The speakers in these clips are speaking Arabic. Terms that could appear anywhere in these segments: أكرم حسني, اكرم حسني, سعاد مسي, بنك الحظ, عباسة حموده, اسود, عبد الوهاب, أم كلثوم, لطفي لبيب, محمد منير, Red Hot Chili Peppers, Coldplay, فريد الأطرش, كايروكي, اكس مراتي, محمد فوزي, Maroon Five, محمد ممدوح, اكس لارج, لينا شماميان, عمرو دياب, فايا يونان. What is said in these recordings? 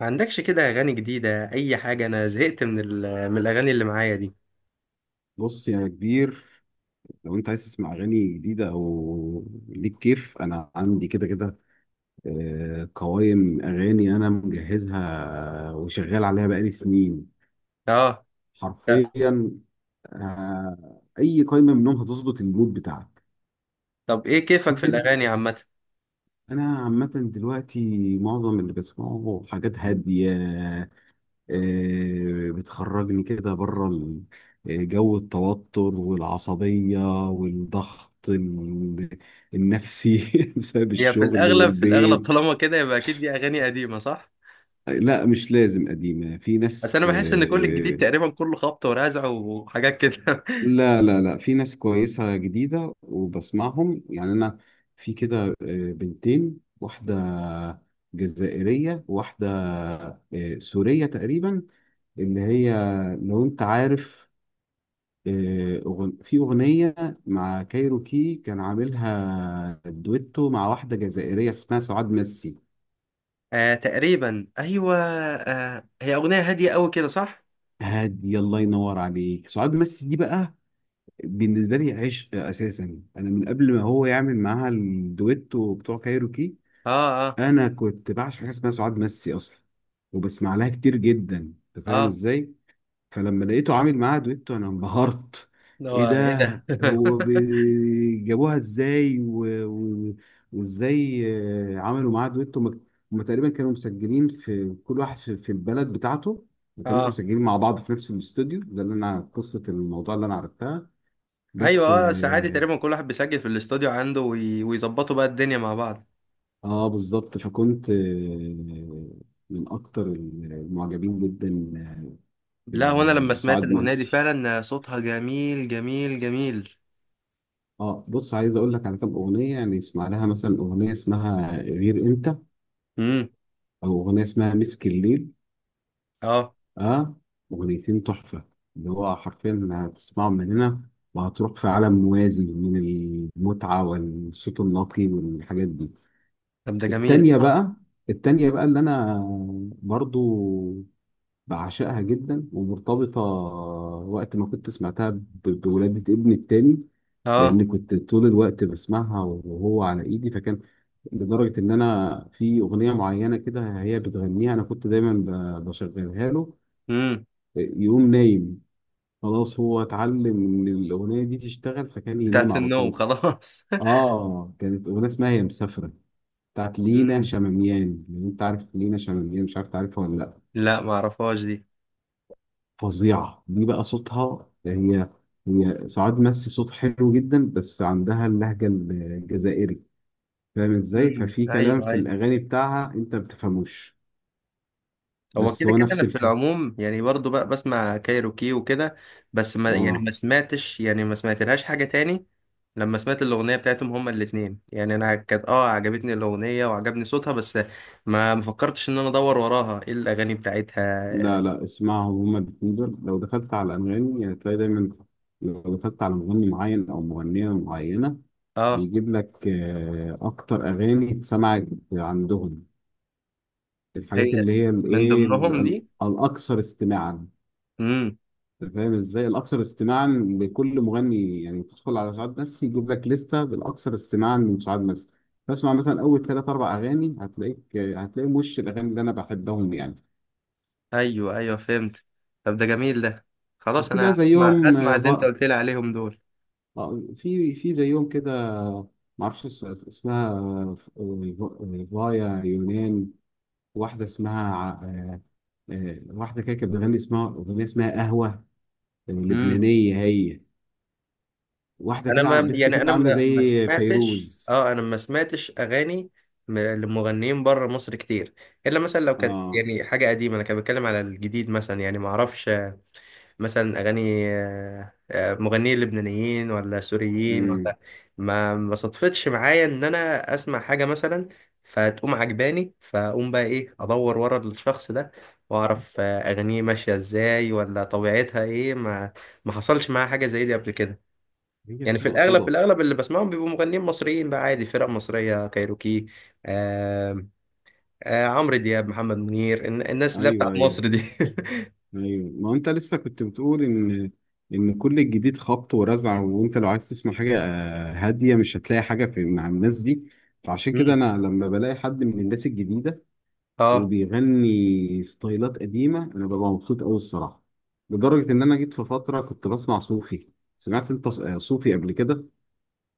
ما عندكش كده اغاني جديده؟ اي حاجه، انا زهقت من من الاغاني اللي معايا دي. بص يا كبير. لو انت عايز تسمع اغاني جديده او ليك كيف، انا عندي كده كده. قوائم اغاني انا مجهزها، وشغال عليها بقالي سنين اه، لا. حرفيا. اي قائمه منهم هتظبط المود بتاعك. طب ايه كيفك شوف في انت، الاغاني عامه؟ انا عامه دلوقتي معظم اللي بسمعه حاجات هاديه، بتخرجني كده بره جو التوتر والعصبية والضغط النفسي بسبب هي في الشغل الاغلب في الاغلب والبيت. طالما كده يبقى اكيد دي اغاني قديمه، صح؟ لا مش لازم قديمة، في بس انا ناس بحس ان كل الجديد آه، تقريبا كله خبط ورزع وحاجات كده. لا لا لا، في ناس كويسة جديدة وبسمعهم يعني. أنا في كده بنتين، واحدة جزائرية، واحدة سورية تقريبا اللي هي، لو أنت عارف. في أغنية مع كايروكي كان عاملها دويتو مع واحدة جزائرية اسمها سعاد مسي. آه، تقريبا ايوه، آه هي اغنيه هاديه قوي كده، صح؟ هادي الله ينور عليك، سعاد مسي دي بقى بالنسبة لي عشق أساسا. أنا من قبل ما هو يعمل معاها الدويتو بتوع كايروكي، اه، اه، أنا كنت بعشق حاجة اسمها سعاد مسي أصلا، وبسمع لها كتير جدا. أنت فاهم اه. إزاي؟ فلما لقيته عامل معاها دويتو، انا انبهرت. ده هو ايه ده. ايه ده؟ جابوها ازاي و... وازاي عملوا معاها دويتو. هم هم تقريبا كانوا مسجلين، في كل واحد في البلد بتاعته، ما كانوش اه، مسجلين مع بعض في نفس الاستوديو، ده اللي انا قصة الموضوع اللي انا عرفتها. ايوه، بس اه، ساعات اه، تقريبا كل واحد بيسجل في الاستوديو عنده ويظبطوا بقى الدنيا مع بعض. بالظبط، فكنت من اكتر المعجبين جدا، آه، لا، وانا لما سمعت بسعاد الاغنيه دي مقسي. فعلا صوتها جميل جميل جميل. اه بص، عايز اقول لك على كام اغنيه، يعني اسمع لها مثلا اغنيه اسمها غير انت، امم. او اغنيه اسمها مسك الليل. اه، اه، اغنيتين تحفه، اللي هو حرفيا هتسمعهم من هنا وهتروح في عالم موازي من المتعه والصوت النقي والحاجات دي. طب ده جميل. التانيه بقى، التانيه بقى اللي انا برضو بعشقها جدا، ومرتبطه وقت ما كنت سمعتها بولادة ابني التاني، اه. لان كنت طول الوقت بسمعها وهو على ايدي، فكان لدرجة إن أنا في أغنية معينة كده هي بتغنيها، أنا كنت دايما بشغلها له، امم. يقوم نايم. خلاص هو اتعلم إن الأغنية دي تشتغل فكان ينام بتاعت على النوم طول. خلاص. آه، كانت أغنية اسمها هي مسافرة، بتاعت لينا امم. شماميان. لو أنت عارف لينا شماميان، مش عارف تعرفها ولا لأ. لا، ما اعرفهاش دي. فظيعة دي بقى، صوتها. هي هي سعاد مسي صوت حلو جدا، بس عندها اللهجة الجزائري، فاهم ازاي؟ امم، ففي ايوه كلام في ايوه. الأغاني بتاعها أنت ما بتفهموش، هو بس كده هو كده نفس انا في العموم يعني برضو بقى بسمع كايروكي وكده، بس ما يعني اه. ما سمعتش، يعني ما سمعتلهاش حاجه تاني. لما سمعت الاغنيه بتاعتهم هما الاتنين يعني انا كانت اه عجبتني الاغنيه وعجبني صوتها، بس ما فكرتش ان انا ادور وراها ايه الاغاني بتاعتها. لا لا اسمعهم هما الاتنين دول. لو دخلت على انغامي هتلاقي دايما، لو دخلت على مغني معين او مغنيه معينه، اه، بيجيب لك اكتر اغاني اتسمعت عندهم، هي الحاجات اللي هي من الايه ضمنهم دي. الاكثر استماعا. امم، أنت فاهم ازاي؟ الاكثر استماعا لكل مغني، يعني تدخل على شعب مسي يجيب لك لسته بالاكثر استماعا من شعب مسي، تسمع مثلا اول ثلاث اربع اغاني، هتلاقيك هتلاقي وش الاغاني اللي انا بحبهم يعني. ايوه ايوه، فهمت. طب ده جميل ده، خلاص وفي بقى انا اسمع زيهم. اسمع اللي انت قلت لي عليهم دول. اه في زيهم كده، معرفش اسمها، فايا يونان، واحدة اسمها واحدة كده كانت بتغني، اسمها أغنية اسمها قهوة، امم. لبنانية هي، واحدة انا، كده ما بنت يعني، كده انا عاملة ما ما زي سمعتش، فيروز. اه انا ما سمعتش اغاني لمغنيين بره مصر كتير. الا مثلا لو كانت اه، يعني حاجه قديمه، انا كان بتكلم على الجديد مثلا، يعني ما اعرفش. مثلا اغاني مغنيين لبنانيين ولا سوريين امم، ولا... ما صدفتش معايا ان انا اسمع حاجه مثلا فتقوم عجباني، فاقوم بقى ايه ادور ورا الشخص ده واعرف اغانيه ماشيه ازاي ولا طبيعتها ايه. ما حصلش معايا حاجه زي دي قبل كده. هي يعني في بتبقى الاغلب في صدف. الاغلب اللي بسمعهم بيبقوا مغنيين مصريين بقى، عادي، فرق مصريه، كايروكي، آه، آه عمرو دياب، محمد منير، الناس اللي هي ايوه، بتاعت ايوه، مصر دي. ايوه، ما انت لسه كنت بتقول ان ان كل الجديد خبط ورزع، وانت لو عايز تسمع حاجه هاديه مش هتلاقي حاجه في مع الناس دي. فعشان كده مم. انا لما بلاقي حد من الناس الجديده اه، وبيغني ستايلات قديمه، انا ببقى مبسوط قوي الصراحه. لدرجه ان انا جيت في فتره كنت بسمع صوفي. سمعت انت صوفي قبل كده؟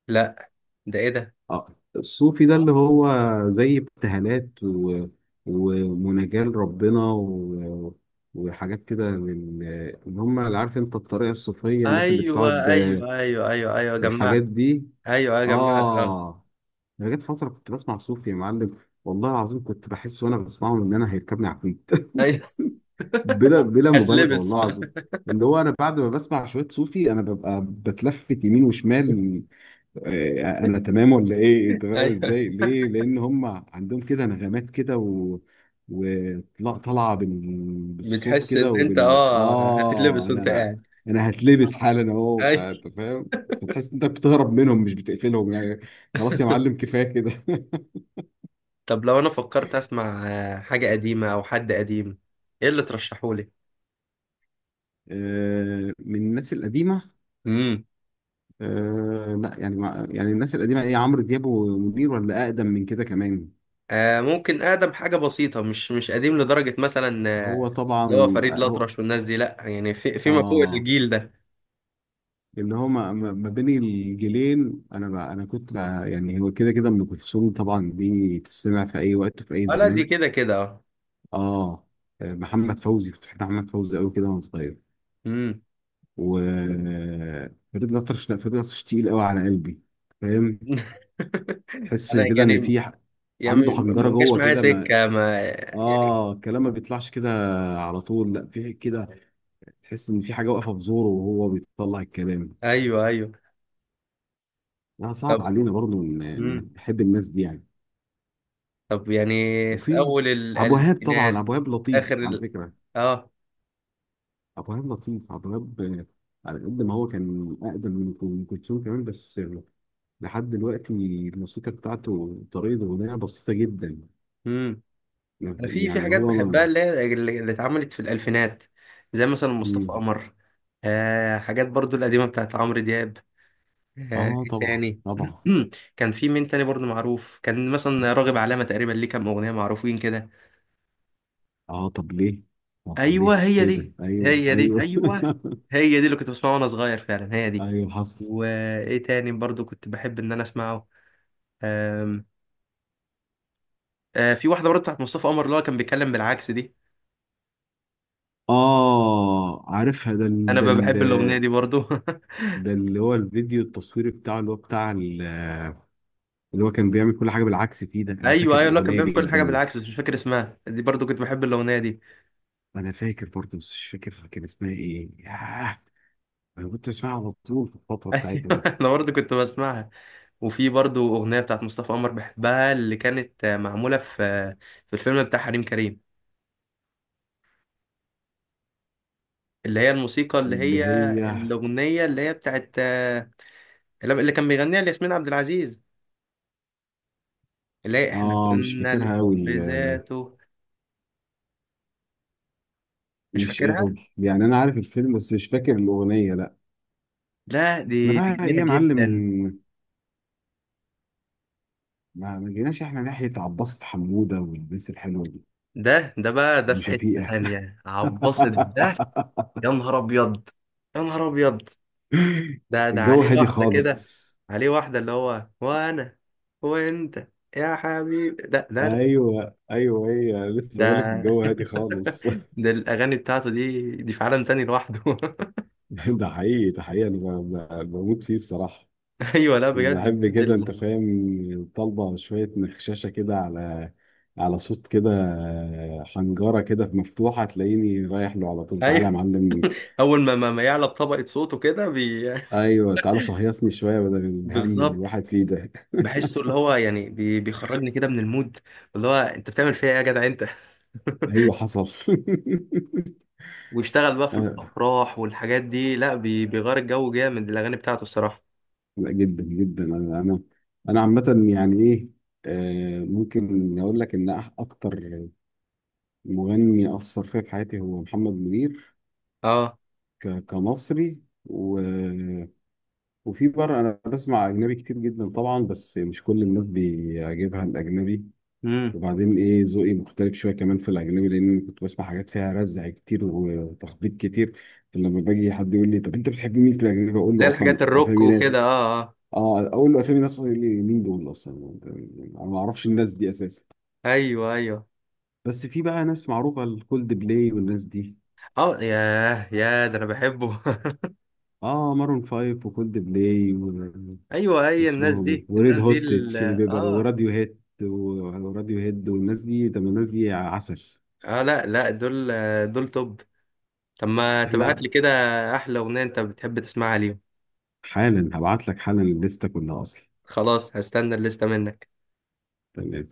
لا. ده ايه ده؟ اه الصوفي ده، اللي هو زي ابتهالات ومناجاة ربنا وحاجات كده، من اللي هم اللي عارف انت الطريقة الصوفية، الناس اللي ايوه بتقعد ايوه ايوه ايوه ايوه، الحاجات جمعت. دي. ايوه ايوه، جمعت. اه، اه، انا جت فترة كنت بسمع صوفي يا معلم، والله العظيم كنت بحس وانا بسمعهم ان انا هيركبني عفريت ايوه. بلا بلا مبالغة، هتلبس. والله العظيم. اللي هو انا بعد ما بسمع شوية صوفي، انا ببقى بتلفت يمين وشمال، انا تمام ولا ايه، انت فاهم ايوه، ازاي؟ ليه؟ لان هم عندهم كده نغمات كده وطلع طالعه بالصوت بتحس ان كده، انت وبال اه اه، هتتلبس وانت انا قاعد؟ انا هتلبس حالا اهو، ايوه. فانت فاهم. فتحس انت بتهرب منهم، مش بتقفلهم يعني. خلاص يا معلم، كفايه كده طب لو انا فكرت اسمع حاجه قديمه او حد قديم، ايه اللي ترشحولي؟ من الناس القديمه، امم. لا يعني يعني الناس القديمه، ايه عمرو دياب ومنير، ولا اقدم من كده كمان؟ آه، ممكن اقدم حاجه بسيطه، مش قديم لدرجه مثلا، هو طبعا، اللي هو فريد هو الأطرش والناس دي، لا يعني في فيما فوق اه، الجيل ده. اللي هو ما بين الجيلين، انا بقى انا كنت بقى يعني هو كده كده ام كلثوم طبعا، دي تسمع في اي وقت في اي اه، لا دي زمان. كده كده اه. اه، محمد فوزي، كنت بحب محمد فوزي قوي كده وانا صغير، امم. و فريد الأطرش. لا فريد الأطرش تقيل قوي على قلبي، فاهم. تحس انا كده ان يعني، في عنده يعني ما حنجره ما جاش جوه معايا كده، ما سكه، ما يعني. اه، الكلام ما بيطلعش كده على طول. لا في كده، تحس ان في حاجه واقفه في زوره وهو بيطلع الكلام. ايوه ايوه. لا، صعب طب. علينا برضه إن مم. نحب الناس دي يعني. طب يعني، في وفي اول عبد الوهاب، طبعا الالفينات، عبد الوهاب اخر لطيف على ال-، فكره. اه. عبد الوهاب لطيف، عبد الوهاب، على قد ما هو كان اقدم من ام كلثوم كمان، بس لحد دلوقتي الموسيقى بتاعته طريقه اغنيه بسيطه جدا. امم. انا في يعني حاجات هو بحبها، ما... اللي هي اللي اتعملت في الالفينات، زي مثلا مصطفى مم. قمر، آه، حاجات برضو القديمه بتاعت عمرو دياب. آه، اه، ايه طبعا تاني؟ طبعا. كان في مين تاني برضو معروف؟ كان مثلا راغب علامه تقريبا ليه كام اغنيه معروفين كده. اه طب ليه، طب ليه ايوه، هي كده، دي، ايوه هي دي ايوه ايوه، هي دي اللي كنت بسمعها وانا صغير، فعلا هي دي. ايوه حصل. وايه تاني برضو كنت بحب ان انا اسمعه؟ آم، في واحده برضه بتاعت مصطفى قمر اللي هو كان بيتكلم بالعكس دي، اه عارفها، انا بحب الاغنيه دي برضه. ده اللي هو الفيديو التصويري بتاعه، اللي هو بتاع اللي هو كان بيعمل كل حاجه بالعكس فيه، ده انا ايوه فاكر ايوه، اللي هو كان الاغنيه بيعمل كل حاجه جدا. بالعكس، بس مش فاكر اسمها دي، برضه كنت بحب الاغنيه دي. انا فاكر برضه، بس مش فاكر كان اسمها ايه، ياه. انا كنت اسمعها على طول في الفتره ايوه، بتاعتها دي انا برضه كنت بسمعها. وفي برضه اغنيه بتاعت مصطفى قمر بحبها، اللي كانت معموله في في الفيلم بتاع حريم كريم، اللي هي الموسيقى، اللي اللي هي هي. الاغنيه اللي هي بتاعت اللي كان بيغنيها لياسمين عبد العزيز، اللي هي احنا اه مش كنا فاكرها قوي، الحب ذاته. مش مش فاكرها؟ قوي يعني، انا عارف الفيلم بس مش فاكر الاغنيه لا. لا، انا دي دي بقى ايه جميله يا جدا. معلم، ما جيناش احنا ناحيه عباسة حموده والناس الحلوه دي، ده ده بقى ده، في حتة وشفيقه تانية، عباسة ده. يا نهار أبيض! يا نهار أبيض! ده ده الجو عليه هادي واحدة خالص. كده، عليه واحدة اللي هو وأنا وأنت يا حبيبي، ده ده ده. ايوه ايوه، هي لسه بقول لك ده، الجو هادي خالص ده الأغاني بتاعته دي دي في عالم تاني لوحده. ده حقيقي، ده حقيقي، انا بموت فيه الصراحه. أيوه، لا انا بجد بحب بجد كده، انت ال-، فاهم، طالبه شويه مخششه كده على، على صوت كده، حنجره كده مفتوحه، تلاقيني رايح له على طول، تعالى يا أيوه، معلم. أول ما ما يعلى بطبقة صوته كده ايوه تعالى شهيصني شويه، بدل الهم اللي بالظبط، الواحد فيه ده بحسه اللي هو يعني بيخرجني كده من المود اللي هو أنت بتعمل فيها إيه يا جدع أنت؟ ايوه حصل ويشتغل بقى في آه، الافراح والحاجات دي، لا بيغير الجو جامد، الاغاني بتاعته الصراحه. لا جدا جدا، انا عامه، يعني ايه، ممكن اقول لك ان اكتر مغني اثر فيا في حياتي هو محمد منير، اه. كمصري، و... وفي بره انا بسمع اجنبي كتير جدا طبعا، بس مش كل الناس بيعجبها الاجنبي. امم. وبعدين ايه، ذوقي مختلف شويه كمان في الاجنبي، لان كنت بسمع حاجات فيها رزع كتير وتخبيط كتير. فلما باجي حد يقول لي طب انت بتحب مين في الاجنبي، اقول له لا، اصلا الحاجات الروك اسامي ناس. وكده، اه اه اه، اقول له اسامي ناس، يقول لي مين دول اصلا، انا ما اعرفش الناس دي اساسا. ايوه ايوه. بس في بقى ناس معروفه، الكولد بلاي والناس دي، اه، ياه، يا ده انا بحبه. اه مارون فايف وكولد بلاي، ايوه، اي الناس واسمهم دي، وريد الناس دي هوت تشيلي بيبر اه وراديو هيد، والناس دي، طب الناس دي عسل. اه. لا لا دول، دول توب. طب ما تبعت احنا لي كده احلى اغنيه انت بتحب تسمعها ليهم. حالا هبعت لك حالا الليسته كلها اصلا. خلاص، هستنى الليسته منك. تمام.